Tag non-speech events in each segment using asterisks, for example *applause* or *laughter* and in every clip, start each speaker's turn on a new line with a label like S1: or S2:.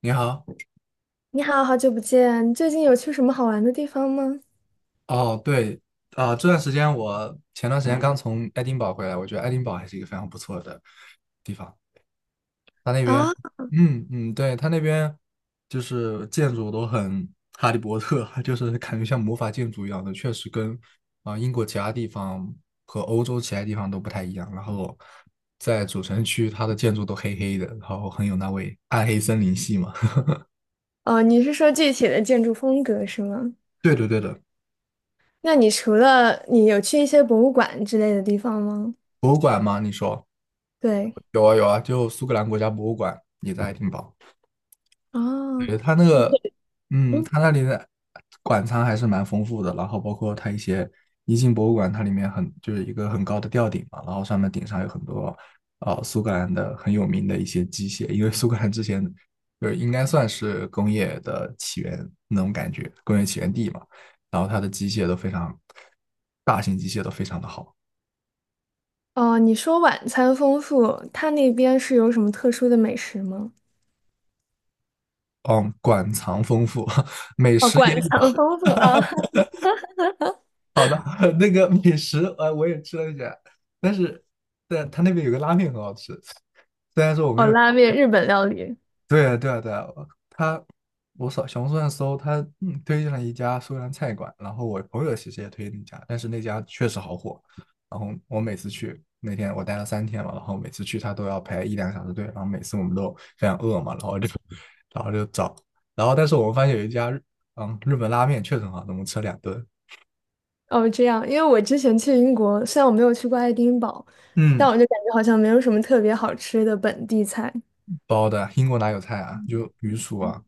S1: 你好。
S2: 你好，好久不见，最近有去什么好玩的地方吗？
S1: 哦，对，这段时间我前段时间刚从爱丁堡回来，我觉得爱丁堡还是一个非常不错的地方。它那边，
S2: 啊，
S1: 嗯嗯，对，它那边就是建筑都很哈利波特，*laughs* 就是感觉像魔法建筑一样的，确实跟英国其他地方和欧洲其他地方都不太一样。然后在主城区，它的建筑都黑黑的，然后很有那味暗黑森林系嘛。
S2: 哦，你是说具体的建筑风格是吗？
S1: *laughs* 对的对的。
S2: 那你除了你有去一些博物馆之类的地方吗？
S1: 博物馆吗？你说
S2: 对，
S1: 有啊有啊，就苏格兰国家博物馆也在爱丁堡。
S2: 哦，
S1: 对，它那个，嗯，
S2: 嗯，
S1: 它那里的馆藏还是蛮丰富的，然后包括它一些一进博物馆，它里面很就是一个很高的吊顶嘛，然后上面顶上有很多苏格兰的很有名的一些机械，因为苏格兰之前就是应该算是工业的起源那种感觉，工业起源地嘛，然后它的机械都非常大型机械都非常的好。
S2: 哦，你说晚餐丰富，它那边是有什么特殊的美食吗？
S1: 嗯，馆藏丰富，*laughs* 美
S2: 哦，
S1: 食也
S2: 馆
S1: 有。
S2: 藏丰富啊，
S1: *laughs* 好的。*laughs* 那个美食，我也吃了一下，但是，但他那边有个拉面很好吃。
S2: *laughs* 哦，拉面、日本料理，
S1: 对啊，对啊，对啊。他，我扫小红书上搜，他推荐了一家苏格兰菜馆，然后我朋友其实也推荐那家，但是那家确实好火，然后我每次去，那天我待了三天嘛，然后每次去他都要排一两个小时队，然后每次我们都非常饿嘛，然后就 *laughs*，然后就找，然后但是我们发现有一家日日本拉面确实很好吃，我们吃了两顿。
S2: 哦，这样，因为我之前去英国，虽然我没有去过爱丁堡，
S1: 嗯，
S2: 但我就感觉好像没有什么特别好吃的本地菜。
S1: 包的英国哪有菜啊，就鱼薯啊，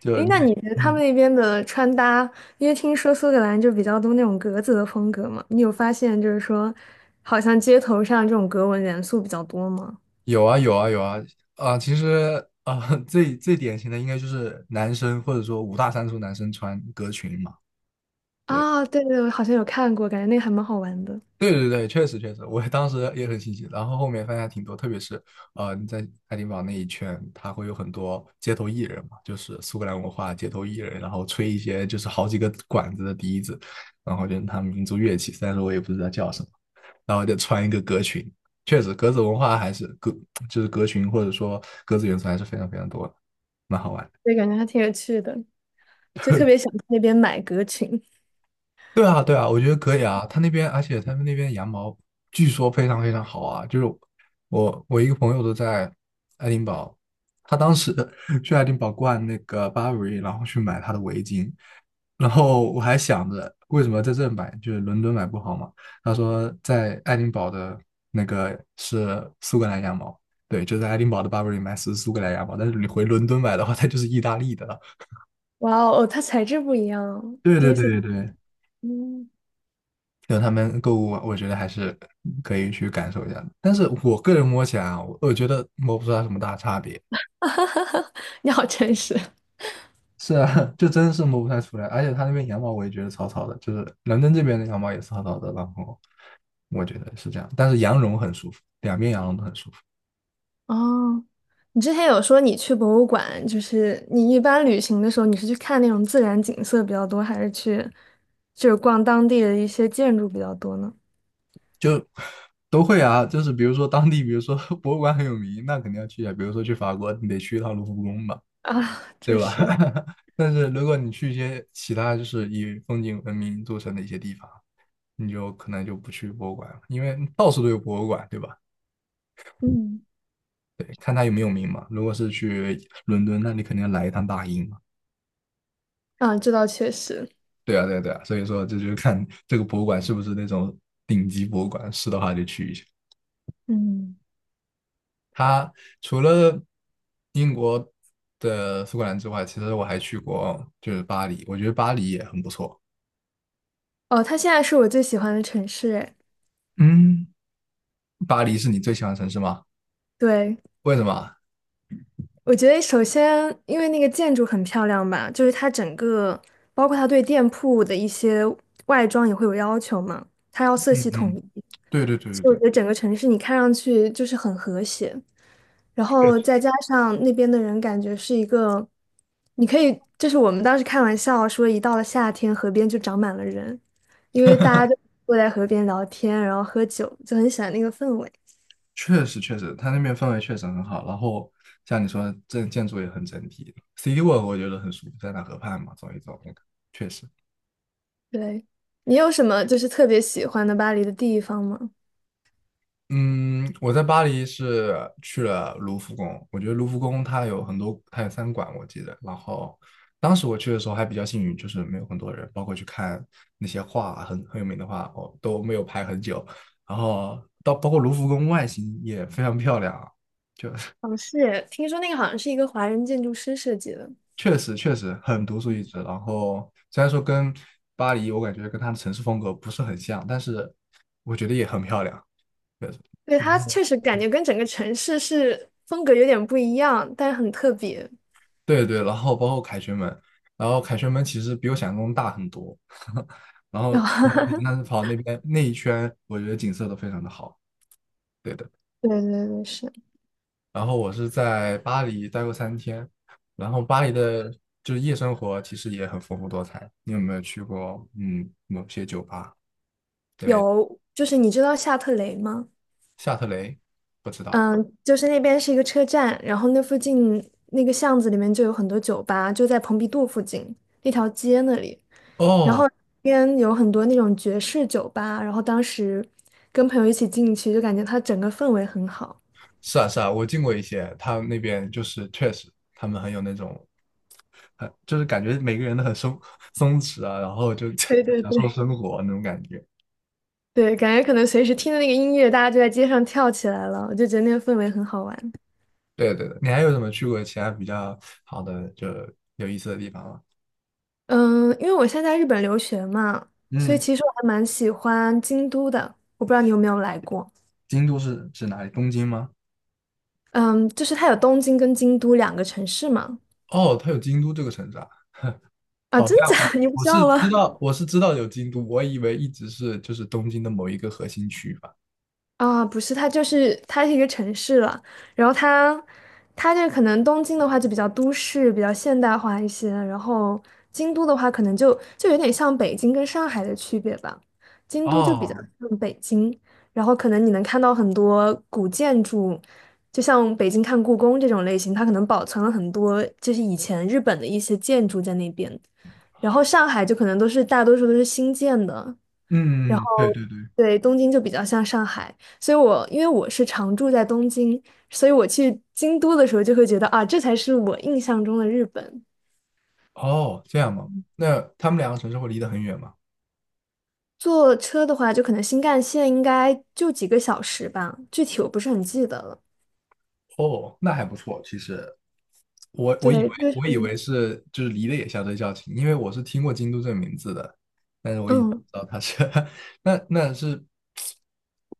S1: 就
S2: 诶，那你觉得他们
S1: 嗯。
S2: 那边的穿搭，因为听说苏格兰就比较多那种格子的风格嘛，你有发现好像街头上这种格纹元素比较多吗？
S1: 有啊有啊有啊。啊！其实啊，*laughs* 最最典型的应该就是男生或者说五大三粗男生穿格裙嘛。对
S2: 啊，对对，我好像有看过，感觉那个还蛮好玩的，
S1: 对对对，确实确实，我当时也很新奇，然后后面发现还挺多，特别是你在爱丁堡那一圈，他会有很多街头艺人嘛，就是苏格兰文化街头艺人，然后吹一些就是好几个管子的笛子，然后就是他们民族乐器，虽然说我也不知道叫什么。然后就穿一个格裙。确实，格子文化还是就是格裙或者说格子元素还是非常非常多的，蛮好玩。
S2: 对，感觉还挺有趣的，就特别想去那边买格裙。
S1: 对啊，对啊，我觉得可以啊。他那边，而且他们那边羊毛据说非常非常好啊。就是我一个朋友都在爱丁堡，他当时 *laughs* 去爱丁堡逛那个 Burberry,然后去买他的围巾，然后我还想着为什么在这买，就是伦敦买不好嘛。他说在爱丁堡的那个是苏格兰羊毛。对，就在爱丁堡的 Burberry 买是苏格兰羊毛，但是你回伦敦买的话，它就是意大利的了。
S2: 哇哦，哦它材质不一样哦，
S1: 对
S2: 第
S1: 对
S2: 一次，
S1: 对对，
S2: 嗯，
S1: 就他们购物嘛我觉得还是可以去感受一下的。但是我个人摸起来啊，我觉得摸不出来什么大差别。
S2: *laughs* 你好诚实。
S1: 是啊，*laughs* 就真是摸不太出来。而且他那边羊毛我也觉得草草的，就是伦敦这边的羊毛也是草草的。然后我觉得是这样，但是羊绒很舒服，两边羊绒都很舒服。
S2: 哦，你之前有说你去博物馆，你一般旅行的时候，你是去看那种自然景色比较多，还是去逛当地的一些建筑比较多呢？
S1: 就 *laughs* 都会啊。就是比如说当地，比如说 *laughs* 博物馆很有名，那肯定要去啊。比如说去法国，你得去一趟卢浮宫吧。
S2: 啊，这
S1: 对吧？
S2: 是，
S1: *laughs* 但是如果你去一些其他就是以风景闻名著称的一些地方，你就可能就不去博物馆了，因为到处都有博物馆，对吧？
S2: 嗯
S1: 啊，如果是去伦敦，那你肯定要来一趟大英嘛。
S2: 啊，这倒确实。
S1: 对啊，对啊，对啊，所以说这就是看这个博物馆是不是那种顶级博物馆，是的话就去一下。
S2: 嗯。
S1: 它除了英国的苏格兰之外，其实我还去过就是巴黎，我觉得巴黎也很不错。
S2: 哦，它现在是我最喜欢的城市，哎，
S1: 嗯，巴黎是你最喜欢的城市吗？
S2: 对。
S1: 为什么？
S2: 我觉得首先，因为那个建筑很漂亮吧，它整个，包括它对店铺的一些外装也会有要求嘛，它要色
S1: 嗯
S2: 系统
S1: 嗯。
S2: 一，
S1: 对对
S2: 所
S1: 对
S2: 以我
S1: 对
S2: 觉得整个城市你看上去就是很和谐。然
S1: 对。
S2: 后再加上那边的人感觉是一个，你可以，我们当时开玩笑说，一到了夏天，河边就长满了人，因为大家就坐在河边聊天，然后喝酒，就很喜欢那个氛围。
S1: 确确实确实，它那边氛围确实很好。然后像你说，这建筑也很整体。City Walk 我觉得很舒服，在那河畔嘛，走一走那个确实。
S2: 对，你有什么特别喜欢的巴黎的地方吗？
S1: 嗯，我在巴黎是去了卢浮宫，我觉得卢浮宫它有很多，它有三馆我记得。然后当时我去的时候还比较幸运，就是没有很多人，包括去看那些画，很很有名的画，哦都没有排很久。然后到包括卢浮宫外形也非常漂亮啊，就
S2: 哦，是听说那个好像是一个华人建筑师设计的，
S1: 确实确实很独树一帜。然后虽然说跟巴黎，我感觉跟它的城市风格不是很像，但是我觉得也很漂亮。对，
S2: 对，
S1: 然
S2: 它
S1: 后
S2: 确实感觉跟整个城市是风格有点不一样，但是很特别。
S1: 对对，然后包括凯旋门，然后凯旋门其实比我想象中大很多。*laughs* 然后但是
S2: *laughs*
S1: 跑那边那一圈，我觉得景色都非常的好。对的。
S2: 对对对，是
S1: 然后我是在巴黎待过三天，然后巴黎的就是夜生活其实也很丰富多彩。你有没有去过某些酒吧？对。
S2: 有，你知道夏特雷吗？
S1: 夏特雷，不知道。
S2: 嗯，就是那边是一个车站，然后那附近那个巷子里面就有很多酒吧，就在蓬皮杜附近那条街那里，然后
S1: 哦，
S2: 那边有很多那种爵士酒吧，然后当时跟朋友一起进去，就感觉它整个氛围很好。
S1: 是啊是啊，我进过一些，他们那边就是确实，他们很有那种，很就是感觉每个人都很松松弛啊，然后就
S2: 对
S1: *laughs*
S2: 对
S1: 享受
S2: 对。
S1: 生活那种感觉。
S2: 对，感觉可能随时听的那个音乐，大家就在街上跳起来了，我就觉得那个氛围很好玩。
S1: 对对对，你还有什么去过其他比较好的就有意思的地方吗？
S2: 嗯，因为我现在在日本留学嘛，所
S1: 嗯，
S2: 以其实我还蛮喜欢京都的。我不知道你有没有来过？
S1: 京都是指哪里？东京吗？
S2: 嗯，就是它有东京跟京都两个城市嘛。
S1: 哦，它有京都这个城市啊。
S2: 啊，
S1: 好
S2: 真
S1: 像
S2: 假？*laughs* 你不
S1: 我
S2: 知
S1: 是
S2: 道
S1: 知
S2: 吗？
S1: 道，我是知道有京都，我以为一直是就是东京的某一个核心区吧。
S2: 啊，不是，它是一个城市了，然后它这可能东京的话就比较都市，比较现代化一些，然后京都的话可能就有点像北京跟上海的区别吧，京都就比较
S1: 哦，
S2: 像北京，然后可能你能看到很多古建筑，就像北京看故宫这种类型，它可能保存了很多以前日本的一些建筑在那边，然后上海就可能都是大多数都是新建的。然后
S1: 嗯，对对对。
S2: 对东京就比较像上海，所以我因为我是常住在东京，所以我去京都的时候就会觉得啊，这才是我印象中的日本。
S1: 哦，这样吗？那他们两个城市会离得很远吗？
S2: 坐车的话，就可能新干线应该就几个小时吧，具体我不是很记得了。
S1: 哦，那还不错。其实我以为
S2: 对，
S1: 我以为是就是离得也相对较近，因为我是听过京都这个名字的，但是我一直不
S2: 嗯，
S1: 知道它是 *laughs* 那那是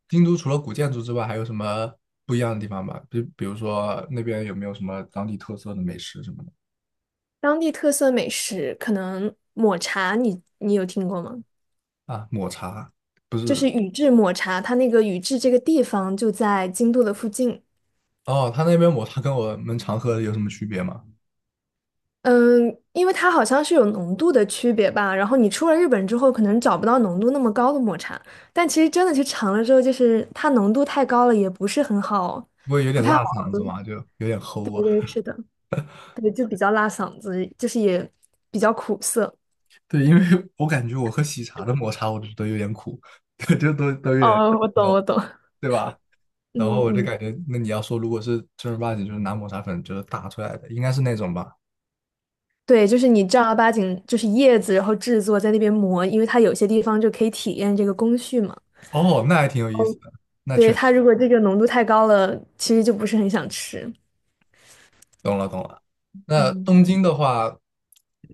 S1: 京都除了古建筑之外，还有什么不一样的地方吗？比如说那边有没有什么当地特色的美食什么的？
S2: 当地特色美食可能抹茶你有听过吗？
S1: 啊？抹茶不
S2: 就
S1: 是。
S2: 是宇治抹茶，它那个宇治这个地方就在京都的附近。
S1: 哦，他那边抹茶跟我们常喝的有什么区别吗？
S2: 嗯，因为它好像是有浓度的区别吧，然后你出了日本之后，可能找不到浓度那么高的抹茶，但其实真的去尝了之后，它浓度太高了，也不是很好，
S1: 不会有
S2: 不
S1: 点
S2: 太好。
S1: 辣嗓子吗？就有点
S2: 对
S1: 齁啊。
S2: 对，是的，对，就比较辣嗓子，就是也比较苦涩。
S1: 对，因为 *laughs* 我感觉我喝喜茶的抹茶，我就觉得有点苦，*laughs* 就都都有点
S2: 哦，我
S1: 那
S2: 懂，
S1: 种，
S2: 我懂。*laughs*
S1: 对吧？然后
S2: 嗯
S1: 我就
S2: 嗯，
S1: 感觉，那你要说如果是正儿八经就是拿抹茶粉就是打出来的，应该是那种吧？
S2: 对，你正儿八经就是叶子，然后制作在那边磨，因为它有些地方就可以体验这个工序嘛。
S1: 哦，那还挺有意思的，那确
S2: 对，
S1: 实
S2: 它如果这个浓度太高了，其实就不是很想吃。
S1: 懂了懂了。那
S2: 嗯。
S1: 东京的话，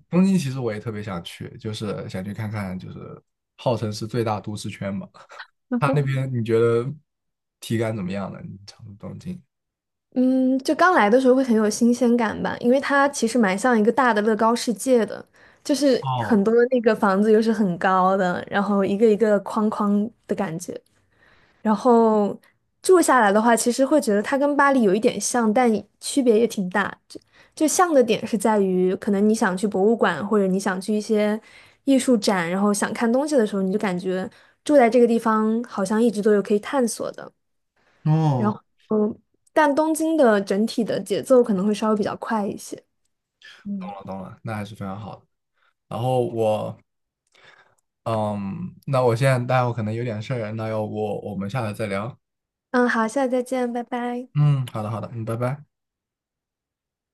S1: 东京其实我也特别想去，就是想去看看，就是号称是最大都市圈嘛，它那边你觉得体感怎么样呢？你常住东京？
S2: 嗯，就刚来的时候会很有新鲜感吧，因为它其实蛮像一个大的乐高世界的，就是很
S1: 哦
S2: 多那个房子又是很高的，然后一个一个框框的感觉。然后住下来的话，其实会觉得它跟巴黎有一点像，但区别也挺大。就像的点是在于，可能你想去博物馆，或者你想去一些艺术展，然后想看东西的时候，你就感觉住在这个地方好像一直都有可以探索的。然
S1: 哦，
S2: 后，嗯，但东京的整体的节奏可能会稍微比较快一些。
S1: 懂了懂了，那还是非常好的。然后我，嗯，那我现在待会可能有点事儿，那要不我们下来再聊？
S2: 嗯，好，下次再见，拜拜。
S1: 嗯，好的好的，嗯，拜拜。